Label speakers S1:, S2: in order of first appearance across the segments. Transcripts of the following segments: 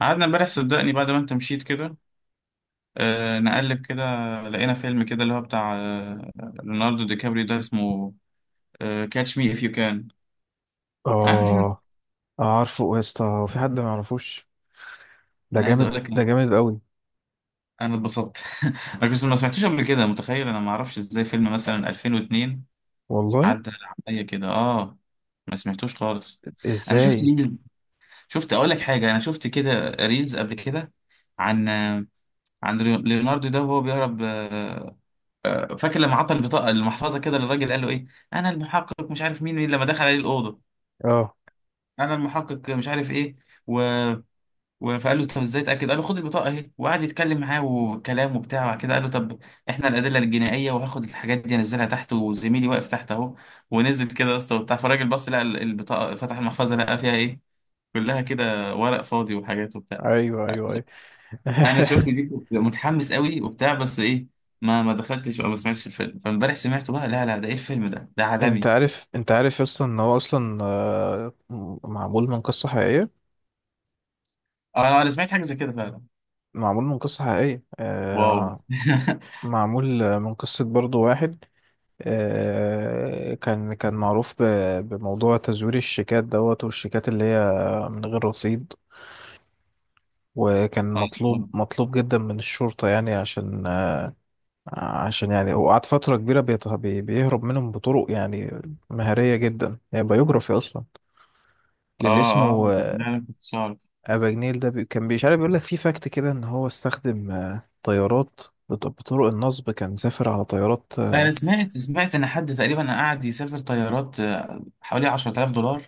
S1: قعدنا امبارح صدقني بعد ما انت مشيت كده. نقلب كده، لقينا فيلم كده اللي هو بتاع ليوناردو دي كابريو، ده اسمه كاتش مي اف يو كان. عارف الفيلم؟
S2: اه. عارفه يا اسطى، هو في حد ما يعرفوش؟ ده
S1: انا عايز
S2: جامد،
S1: اقول لك
S2: ده
S1: انا
S2: جامد قوي.
S1: انا اتبسطت انا كنت ما سمعتوش قبل كده، متخيل؟ انا ما اعرفش ازاي فيلم مثلا 2002
S2: والله.
S1: عدى عليا كده، اه، ما سمعتوش خالص. انا شفت
S2: ازاي.
S1: مين، شفت، اقول لك حاجه، انا شفت كده ريلز قبل كده عن عن ليوناردو ده وهو بيهرب. فاكر لما عطى البطاقه المحفظه كده للراجل، قال له ايه؟ انا المحقق، مش عارف مين لما دخل عليه الاوضه.
S2: اه.
S1: انا المحقق مش عارف ايه، و... فقال له طب ازاي اتاكد؟ قال له خد البطاقه اهي، وقعد يتكلم معاه وكلام وبتاع، وبعد كده قال له طب احنا الادله الجنائيه وهاخد الحاجات دي انزلها تحت، وزميلي واقف تحت اهو. ونزل كده يا اسطى وبتاع، فالراجل بص لقى البطاقه، فتح المحفظه لقى فيها ايه؟ كلها كده ورق فاضي وحاجات وبتاع.
S2: ايوه، ايوه، ايوه.
S1: انا شفت دي كنت متحمس قوي وبتاع، بس ايه؟ ما دخلتش او ما سمعتش الفيلم، فامبارح سمعته بقى. لا لا، ده ايه الفيلم ده؟ ده
S2: انت
S1: عالمي!
S2: عارف انت عارف يا اسطى ان هو اصلا معمول من قصة حقيقية.
S1: انا سمعت حاجه زي كده فعلا.
S2: معمول من قصة حقيقية.
S1: واو!
S2: معمول من قصة، برضو واحد، كان معروف بموضوع تزوير الشيكات دوت، والشيكات اللي هي من غير رصيد. وكان مطلوب مطلوب جدا من الشرطة، يعني عشان يعني هو قعد فترة كبيرة بيهرب منهم بطرق يعني مهارية جدا، يعني بايوجرافي أصلا للي
S1: اه
S2: اسمه
S1: اه، لا، انا كنت عارف.
S2: أباجنيل ده. كان مش عارف، بيقول لك في فاكت كده إن هو استخدم طيارات، بطرق النصب كان سافر على طيارات،
S1: انا
S2: اه.
S1: سمعت ان حد تقريبا قاعد يسافر طيارات، حوالي $10,000،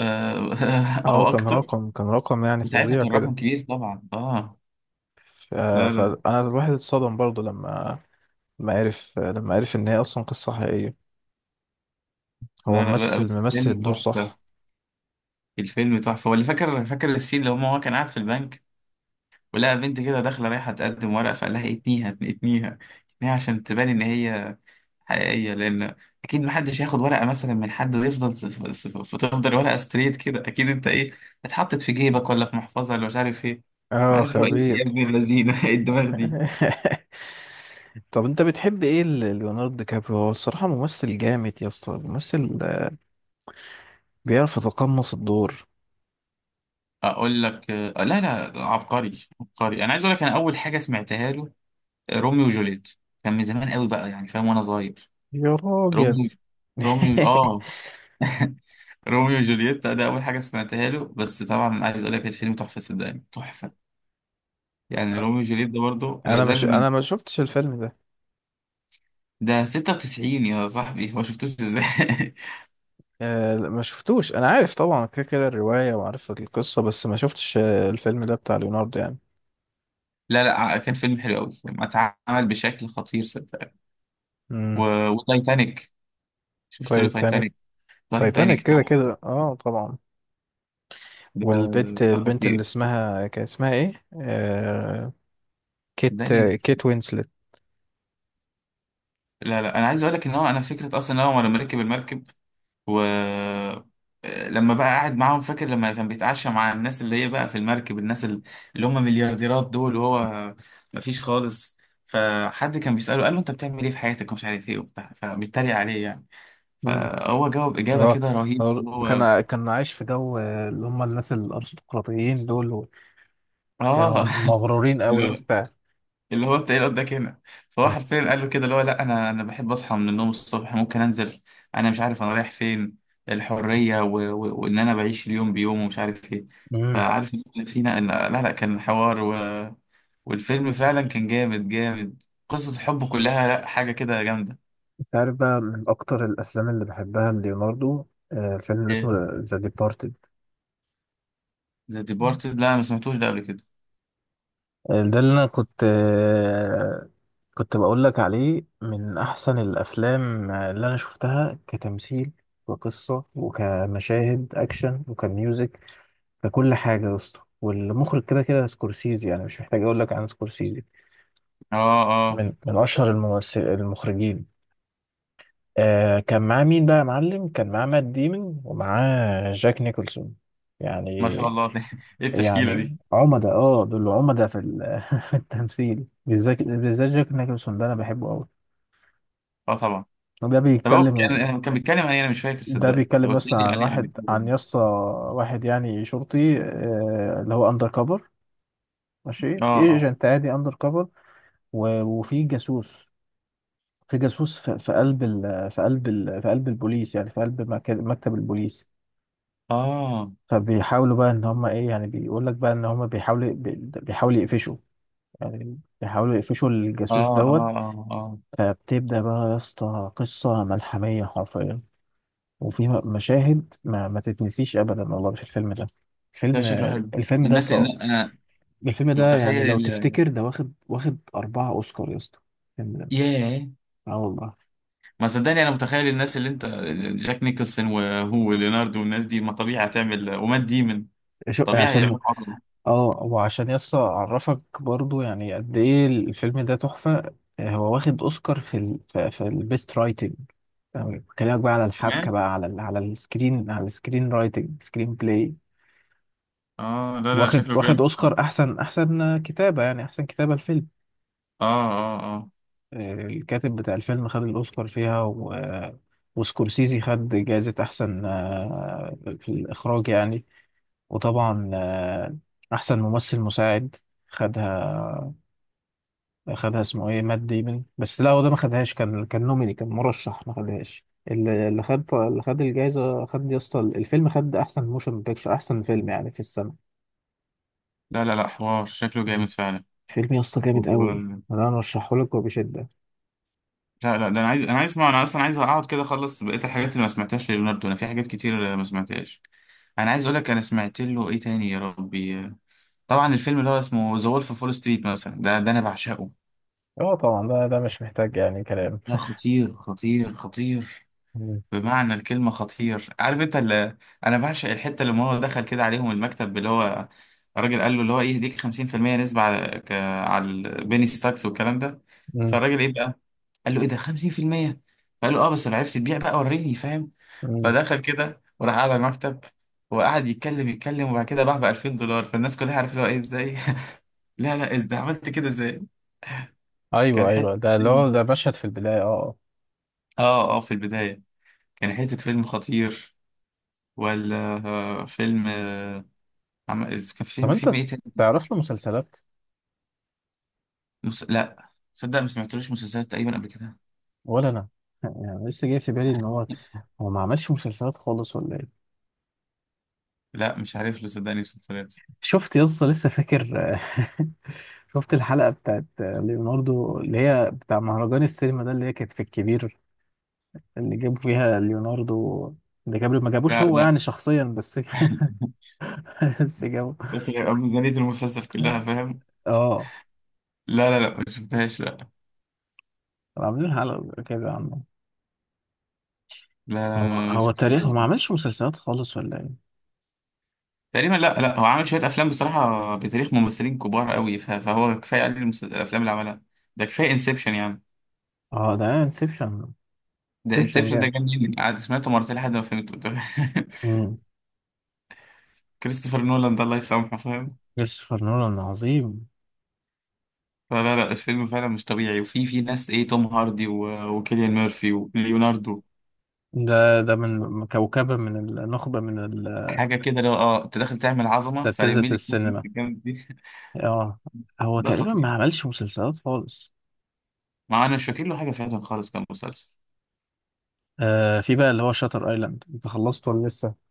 S1: او
S2: كان
S1: اكتر.
S2: رقم كان رقم يعني
S1: وساعتها
S2: فظيع
S1: كان
S2: كده.
S1: رقم كبير طبعا. اه. لا لا،
S2: فأنا الواحد اتصدم برضه لما عرف، لما عرف إن هي أصلا قصة حقيقية. هو
S1: لا،
S2: ممثل،
S1: بس الفيلم
S2: الدور
S1: تحفه.
S2: صح.
S1: الفيلم تحفه، ولا فاكر، فاكر السين اللي هو كان قاعد في البنك ولقى بنت كده داخله رايحه تقدم ورق، فقال لها اتنيها، اتنيها، اتنيها عشان تبان ان هي حقيقيه. لان اكيد محدش هياخد ورقه مثلا من حد ويفضل فتفضل ورقه ستريت كده. اكيد انت ايه؟ اتحطت في جيبك ولا في محفظه ولا مش عارف ايه.
S2: اه،
S1: عارف اللي هو ايه يا
S2: خبير.
S1: ابن اللذينه؟ ايه الدماغ دي!
S2: طب انت بتحب ايه ليوناردو دي كابريو؟ هو الصراحة ممثل جامد يا اسطى، ممثل بيعرف يتقمص الدور.
S1: اقول لك لا لا، عبقري، عبقري. انا عايز اقول لك، انا اول حاجه سمعتها له روميو وجوليت. كان من زمان قوي بقى يعني، فاهم؟ وانا صغير.
S2: يا
S1: روميو،
S2: راجل.
S1: روميو، اه، روميو وجولييت ده اول حاجه سمعتها له، بس طبعا عايز اقول لك، الفيلم تحفه صدقني، تحفه. يعني روميو وجولييت ده برضه
S2: انا مش
S1: لازال من،
S2: انا ما شفتش الفيلم ده.
S1: ده 96 يا صاحبي، ما شفتوش ازاي؟
S2: لا، ما شفتوش. انا عارف طبعا كده كده الرواية، وعارف القصة، بس ما شفتش الفيلم ده بتاع ليوناردو يعني.
S1: لا لا، كان فيلم حلو قوي، ما اتعمل بشكل خطير صدقني. و...
S2: امم
S1: وتايتانيك، شفت له
S2: تايتانيك.
S1: تايتانيك؟
S2: تايتانيك
S1: تايتانيك
S2: كده
S1: تحفه،
S2: كده، اه طبعا.
S1: ده
S2: والبنت،
S1: ده
S2: البنت اللي
S1: خطير
S2: اسمها، كان اسمها ايه كيت،
S1: صدقني.
S2: كيت وينسلت.
S1: لا لا، انا عايز اقول لك ان هو، انا فكره اصلا ان هو لما ركب المركب و، لما بقى قاعد معاهم، فاكر لما كان بيتعشى مع الناس اللي هي بقى في المركب، الناس اللي هم مليارديرات دول، وهو مفيش خالص، فحد كان بيسأله قال له انت بتعمل ايه في حياتك ومش عارف ايه وبتاع، فبيتريق عليه يعني. فهو جاوب إجابة
S2: اه،
S1: كده رهيب
S2: هو
S1: هو.
S2: كان عايش في جو اللي هم الناس الارستقراطيين دول، كانوا
S1: اه.
S2: مغرورين قوي
S1: لا،
S2: وبتاع.
S1: اللي هو انت ايه اللي قدامك هنا، فهو
S2: مم.
S1: حرفيا قال له كده اللي هو لا، انا، انا بحب اصحى من النوم الصبح ممكن انزل، انا مش عارف انا رايح فين، الحريه وان انا بعيش اليوم بيوم ومش عارف ايه.
S2: امم
S1: فعارف ان فينا ان لا لا، كان حوار. والفيلم فعلا كان جامد جامد، قصص الحب كلها، لا حاجه كده جامده.
S2: انت عارف بقى من اكتر الافلام اللي بحبها ليوناردو، الفيلم اللي اسمه
S1: ايه؟
S2: ذا ديبارتد.
S1: ذا ديبارتد؟ لا أنا ما سمعتوش ده قبل كده.
S2: ده اللي انا كنت بقول لك عليه، من احسن الافلام اللي انا شفتها كتمثيل وقصة وكمشاهد اكشن وكميوزك، ككل حاجة يا اسطى. والمخرج كده كده سكورسيزي، يعني مش محتاج اقول لك عن سكورسيزي.
S1: اه اه.
S2: من اشهر الممثل المخرجين. كان معاه مين بقى يا معلم؟ كان معاه مات ديمون ومعاه جاك نيكولسون
S1: ما
S2: يعني.
S1: شاء الله ايه التشكيله دي!
S2: عمدة، اه، دول عمدة في التمثيل، بالذات، بالذات جاك نيكلسون ده انا بحبه قوي.
S1: اه طبعا.
S2: ده
S1: طب هو
S2: بيتكلم
S1: كان كان بيتكلم عن ايه؟ انا مش فاكر
S2: ده
S1: صدقني، انت
S2: بيتكلم
S1: قلت
S2: يسطا
S1: لي عليه قبل كده.
S2: عن يسطا واحد، يعني شرطي اللي هو اندر كفر، ماشي،
S1: اه اه
S2: ايجنت عادي اندر كفر. وفي جاسوس، في قلب البوليس، يعني في قلب مكتب البوليس.
S1: اه
S2: فبيحاولوا بقى ان هم ايه، يعني بيقول لك بقى ان هم بيحاولوا يقفشوا، يعني بيحاولوا يقفشوا
S1: اه.
S2: الجاسوس دوت.
S1: اه اه اه.
S2: فبتبدأ بقى يا اسطى قصة ملحمية حرفيا، وفي مشاهد ما تتنسيش أبدا والله في الفيلم ده.
S1: ده
S2: فيلم
S1: شكله حلو.
S2: الفيلم ده يا
S1: الناس، إن
S2: اسطى،
S1: انا
S2: الفيلم ده يعني
S1: متخيل
S2: لو تفتكر، ده واخد أربعة أوسكار يا اسطى الفيلم ده.
S1: ياه،
S2: اه والله.
S1: ما صدقني، انا متخيل الناس اللي انت، جاك نيكلسون وهو وليناردو والناس دي، ما طبيعي هتعمل، ومات ديمن،
S2: شو
S1: طبيعي
S2: عشان.
S1: هيعملوا عظمه.
S2: اه، وعشان يا اسطى أعرفك برضو يعني قد إيه الفيلم ده تحفة. هو واخد أوسكار في البيست رايتنج، بكلمك بقى على الحبكة،
S1: كمان؟
S2: بقى على السكرين رايتنج، سكرين بلاي.
S1: اه لا لا
S2: واخد
S1: شكله
S2: واخد
S1: جامد.
S2: اوسكار احسن، كتابه، يعني احسن كتابه الفيلم.
S1: اه اه اه.
S2: الكاتب بتاع الفيلم خد الاوسكار فيها، و... آه، وسكورسيزي خد جائزه احسن في الاخراج يعني. وطبعا احسن ممثل مساعد، خدها، اسمه ايه، مات ديمن، بس لا هو ده ما خدهاش، كان نوميني، كان مرشح، ما خدهاش. اللي خد الجائزه. خد يا اسطى الفيلم خد احسن موشن بيكتشر، احسن فيلم يعني في السنه.
S1: لا لا لا، حوار، شكله
S2: مم.
S1: جامد فعلا.
S2: فيلم يا اسطى
S1: و...
S2: جامد قوي، انا ارشحه لك وبشده.
S1: لا لا، ده انا عايز، انا عايز اسمع. انا اصلا عايز اقعد كده اخلص بقيه الحاجات اللي ما سمعتهاش لليوناردو، انا في حاجات كتير ما سمعتهاش. انا عايز اقول لك انا سمعت له ايه تاني يا ربي؟ طبعا الفيلم اللي هو اسمه ذا وولف فول ستريت مثلا، ده ده انا بعشقه.
S2: اه طبعا، ده ده مش محتاج يعني كلام.
S1: لا، خطير خطير خطير،
S2: مم.
S1: بمعنى الكلمة خطير. عارف انت اللي، انا بعشق الحتة اللي هو دخل كده عليهم المكتب، اللي هو الراجل قال له اللي هو ايه يديك 50% نسبة على على البيني ستاكس والكلام ده.
S2: مم.
S1: فالراجل ايه بقى، قال له ايه ده 50%؟ فقال له اه بس لو عرفت تبيع بقى، وريني، فاهم؟
S2: مم.
S1: فدخل كده وراح قاعد على المكتب، وقعد يتكلم، وبعد كده باع ب $2,000، فالناس كلها عارفه اللي هو ايه، ازاي؟ لا لا، ازاي عملت كده، ازاي؟
S2: ايوه،
S1: كان حتة
S2: ايوه، ده اللي
S1: فيلم.
S2: هو ده مشهد في البدايه، اه.
S1: اه اه في البداية، كان حتة فيلم خطير ولا، فيلم، كان
S2: طب
S1: فيلم، فيلم
S2: انت
S1: ايه تاني؟
S2: تعرف له مسلسلات؟
S1: لا صدق، ما سمعتلوش مسلسلات تقريبا قبل كده.
S2: ولا انا، يعني لسه جاي في بالي ان هو، هو ما عملش مسلسلات خالص ولا ايه؟
S1: لا مش عارف له صدقني مسلسلات.
S2: شفت يا اسطى لسه فاكر. شفت الحلقه بتاعت ليوناردو اللي هي بتاع مهرجان السينما ده، اللي هي كانت في الكبير، اللي جابوا فيها ليوناردو ده جابري، ما جابوش
S1: لا
S2: هو
S1: لا.
S2: يعني شخصيا بس. بس جابوا،
S1: لكن يبقى ميزانية المسلسل كلها، فاهم؟
S2: اه،
S1: لا لا لا، ما شفتهاش لا.
S2: كانوا عاملين حلقه كده.
S1: لا لا
S2: هو
S1: لا، ما
S2: هو تاريخ، هو
S1: شفتهاش.
S2: ما عملش مسلسلات خالص ولا ايه؟
S1: تقريبا لا لا، هو عامل شوية أفلام بصراحة بتاريخ ممثلين كبار قوي، فهو كفاية عليه الأفلام اللي عملها. ده كفاية انسبشن يعني.
S2: اه ده انسبشن.
S1: ده
S2: انسبشن
S1: انسبشن، ده
S2: جامد.
S1: جنني، قعدت سمعته مرتين لحد ما فهمته قلت
S2: امم
S1: كريستوفر نولان ده الله يسامحه، فاهم؟
S2: كريستوفر نولان عظيم.
S1: فلا لا، الفيلم فعلا مش طبيعي، وفي، في ناس ايه، توم هاردي وكيليان ميرفي وليوناردو،
S2: ده، ده من كوكبة، من النخبة،
S1: حاجه كده لو اه انت داخل تعمل عظمه، فلمي
S2: اساتذة
S1: لي كيف
S2: السينما.
S1: الجامد دي.
S2: اه، هو
S1: ده
S2: تقريبا ما
S1: خطير.
S2: عملش مسلسلات خالص.
S1: مع انا مش فاكر له حاجه فعلا خالص كمسلسل.
S2: في بقى اللي هو شاتر ايلاند، انت خلصت ولا لسه؟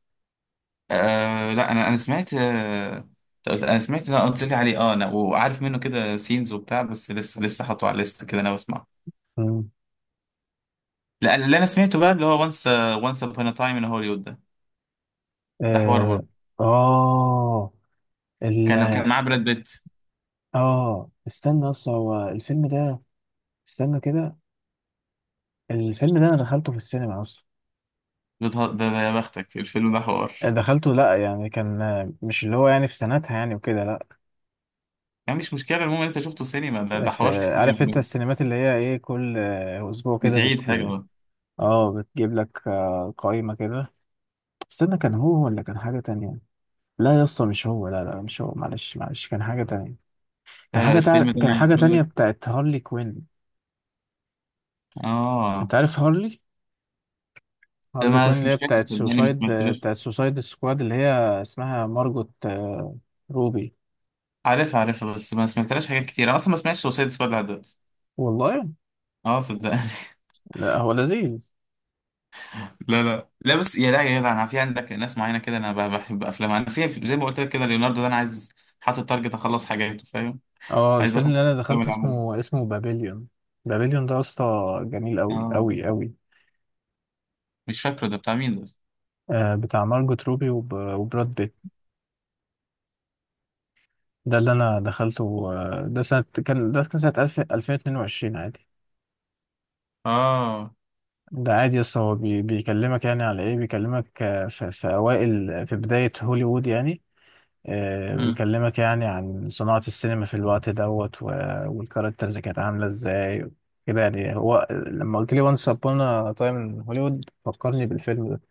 S1: آه لا، انا سمعت آه، انا سمعت، انا قلت لي عليه اه، انا وعارف منه كده سينز وبتاع، بس لسه حاطه على الليست كده انا بسمعه.
S2: امم
S1: لا اللي انا سمعته بقى اللي هو وانس ابون تايم ان هوليوود، ده حوار
S2: اه
S1: برضه.
S2: اه ال
S1: كان كان معاه براد بيت.
S2: اه استنى، اصلا هو الفيلم ده، استنى كده، الفيلم ده انا دخلته في السينما اصلا.
S1: ده يا بختك الفيلم ده حوار.
S2: دخلته، لا يعني كان مش اللي هو يعني في سنتها يعني وكده، لا.
S1: يعني مش مشكلة، المهم إن أنت شفته سينما، ده ده
S2: في،
S1: حوار في السينما
S2: عارف انت
S1: ده.
S2: السينمات اللي هي ايه، كل اسبوع كده
S1: بتعيد حاجة
S2: بت،
S1: بقى؟
S2: اه بتجيب لك قائمة كده. استنى، كان هو ولا كان حاجة تانية؟ لا يا اسطى مش هو، لا، لا، مش هو، معلش، معلش كان حاجة تانية.
S1: لا لا، الفيلم ده أنا
S2: كان
S1: عايز
S2: حاجة
S1: أقول لك
S2: تانية بتاعت هارلي كوين.
S1: آه،
S2: انت عارف هارلي،
S1: ده
S2: هارلي
S1: ما
S2: كوين اللي هي
S1: مش فاكر
S2: بتاعت
S1: صدقني ما
S2: سوسايد،
S1: سمعتلاش.
S2: بتاعت سوسايد سكواد، اللي هي اسمها مارجوت روبي.
S1: عارفها، عارفها، بس ما سمعتلاش حاجات كتير، أنا أصلا ما سمعتش سوسايد سكواد لحد دلوقتي.
S2: والله.
S1: اه صدقني.
S2: لا هو لذيذ.
S1: لا لا لا، بس يا لا يا جدع، انا في عندك ناس معينه كده انا بحب افلامها. انا في زي ما قلت لك كده، ليوناردو ده انا عايز، حاطط تارجت اخلص حاجاته، فاهم؟
S2: اه،
S1: عايز
S2: الفيلم
S1: اخلص
S2: اللي انا
S1: الافلام
S2: دخلته
S1: اللي عملها.
S2: اسمه، بابليون. بابليون ده يا اسطى جميل قوي
S1: اه
S2: قوي قوي.
S1: مش فاكره، ده بتاع مين ده؟
S2: بتاع مارجوت روبي وبراد بيت. ده اللي انا دخلته. ده سنة كان سنة 1000 2022 عادي.
S1: اه.
S2: ده عادي يا اسطى، هو بيكلمك يعني على ايه، بيكلمك في اوائل، في بداية هوليوود يعني.
S1: مم.
S2: بيكلمك يعني عن صناعة السينما في الوقت دوت، والكاركترز كانت عاملة ازاي. كده يعني، هو لما قلت لي وانس ابون تايم هوليوود فكرني بالفيلم ده.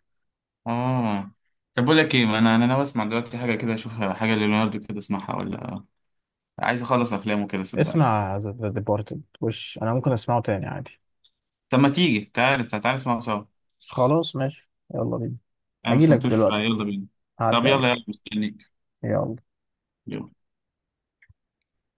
S1: اه. طب بقول لك ايه، ما انا، انا ناوي اسمع دلوقتي حاجه كده، اشوف حاجه لليوناردو كده، اسمعها، ولا، عايز اخلص افلامه كده صدقني.
S2: اسمع ذا ديبارتد، وش انا ممكن اسمعه تاني عادي.
S1: طب ما تيجي، تعالى تعالى تعالى نسمعه سوا.
S2: خلاص ماشي، يلا بينا.
S1: انا ما
S2: هجيلك
S1: سمعتوش،
S2: دلوقتي،
S1: يلا بينا. طب
S2: هعدي
S1: يلا
S2: عليك.
S1: يلا، مستنيك.
S2: يلا.
S1: يلا.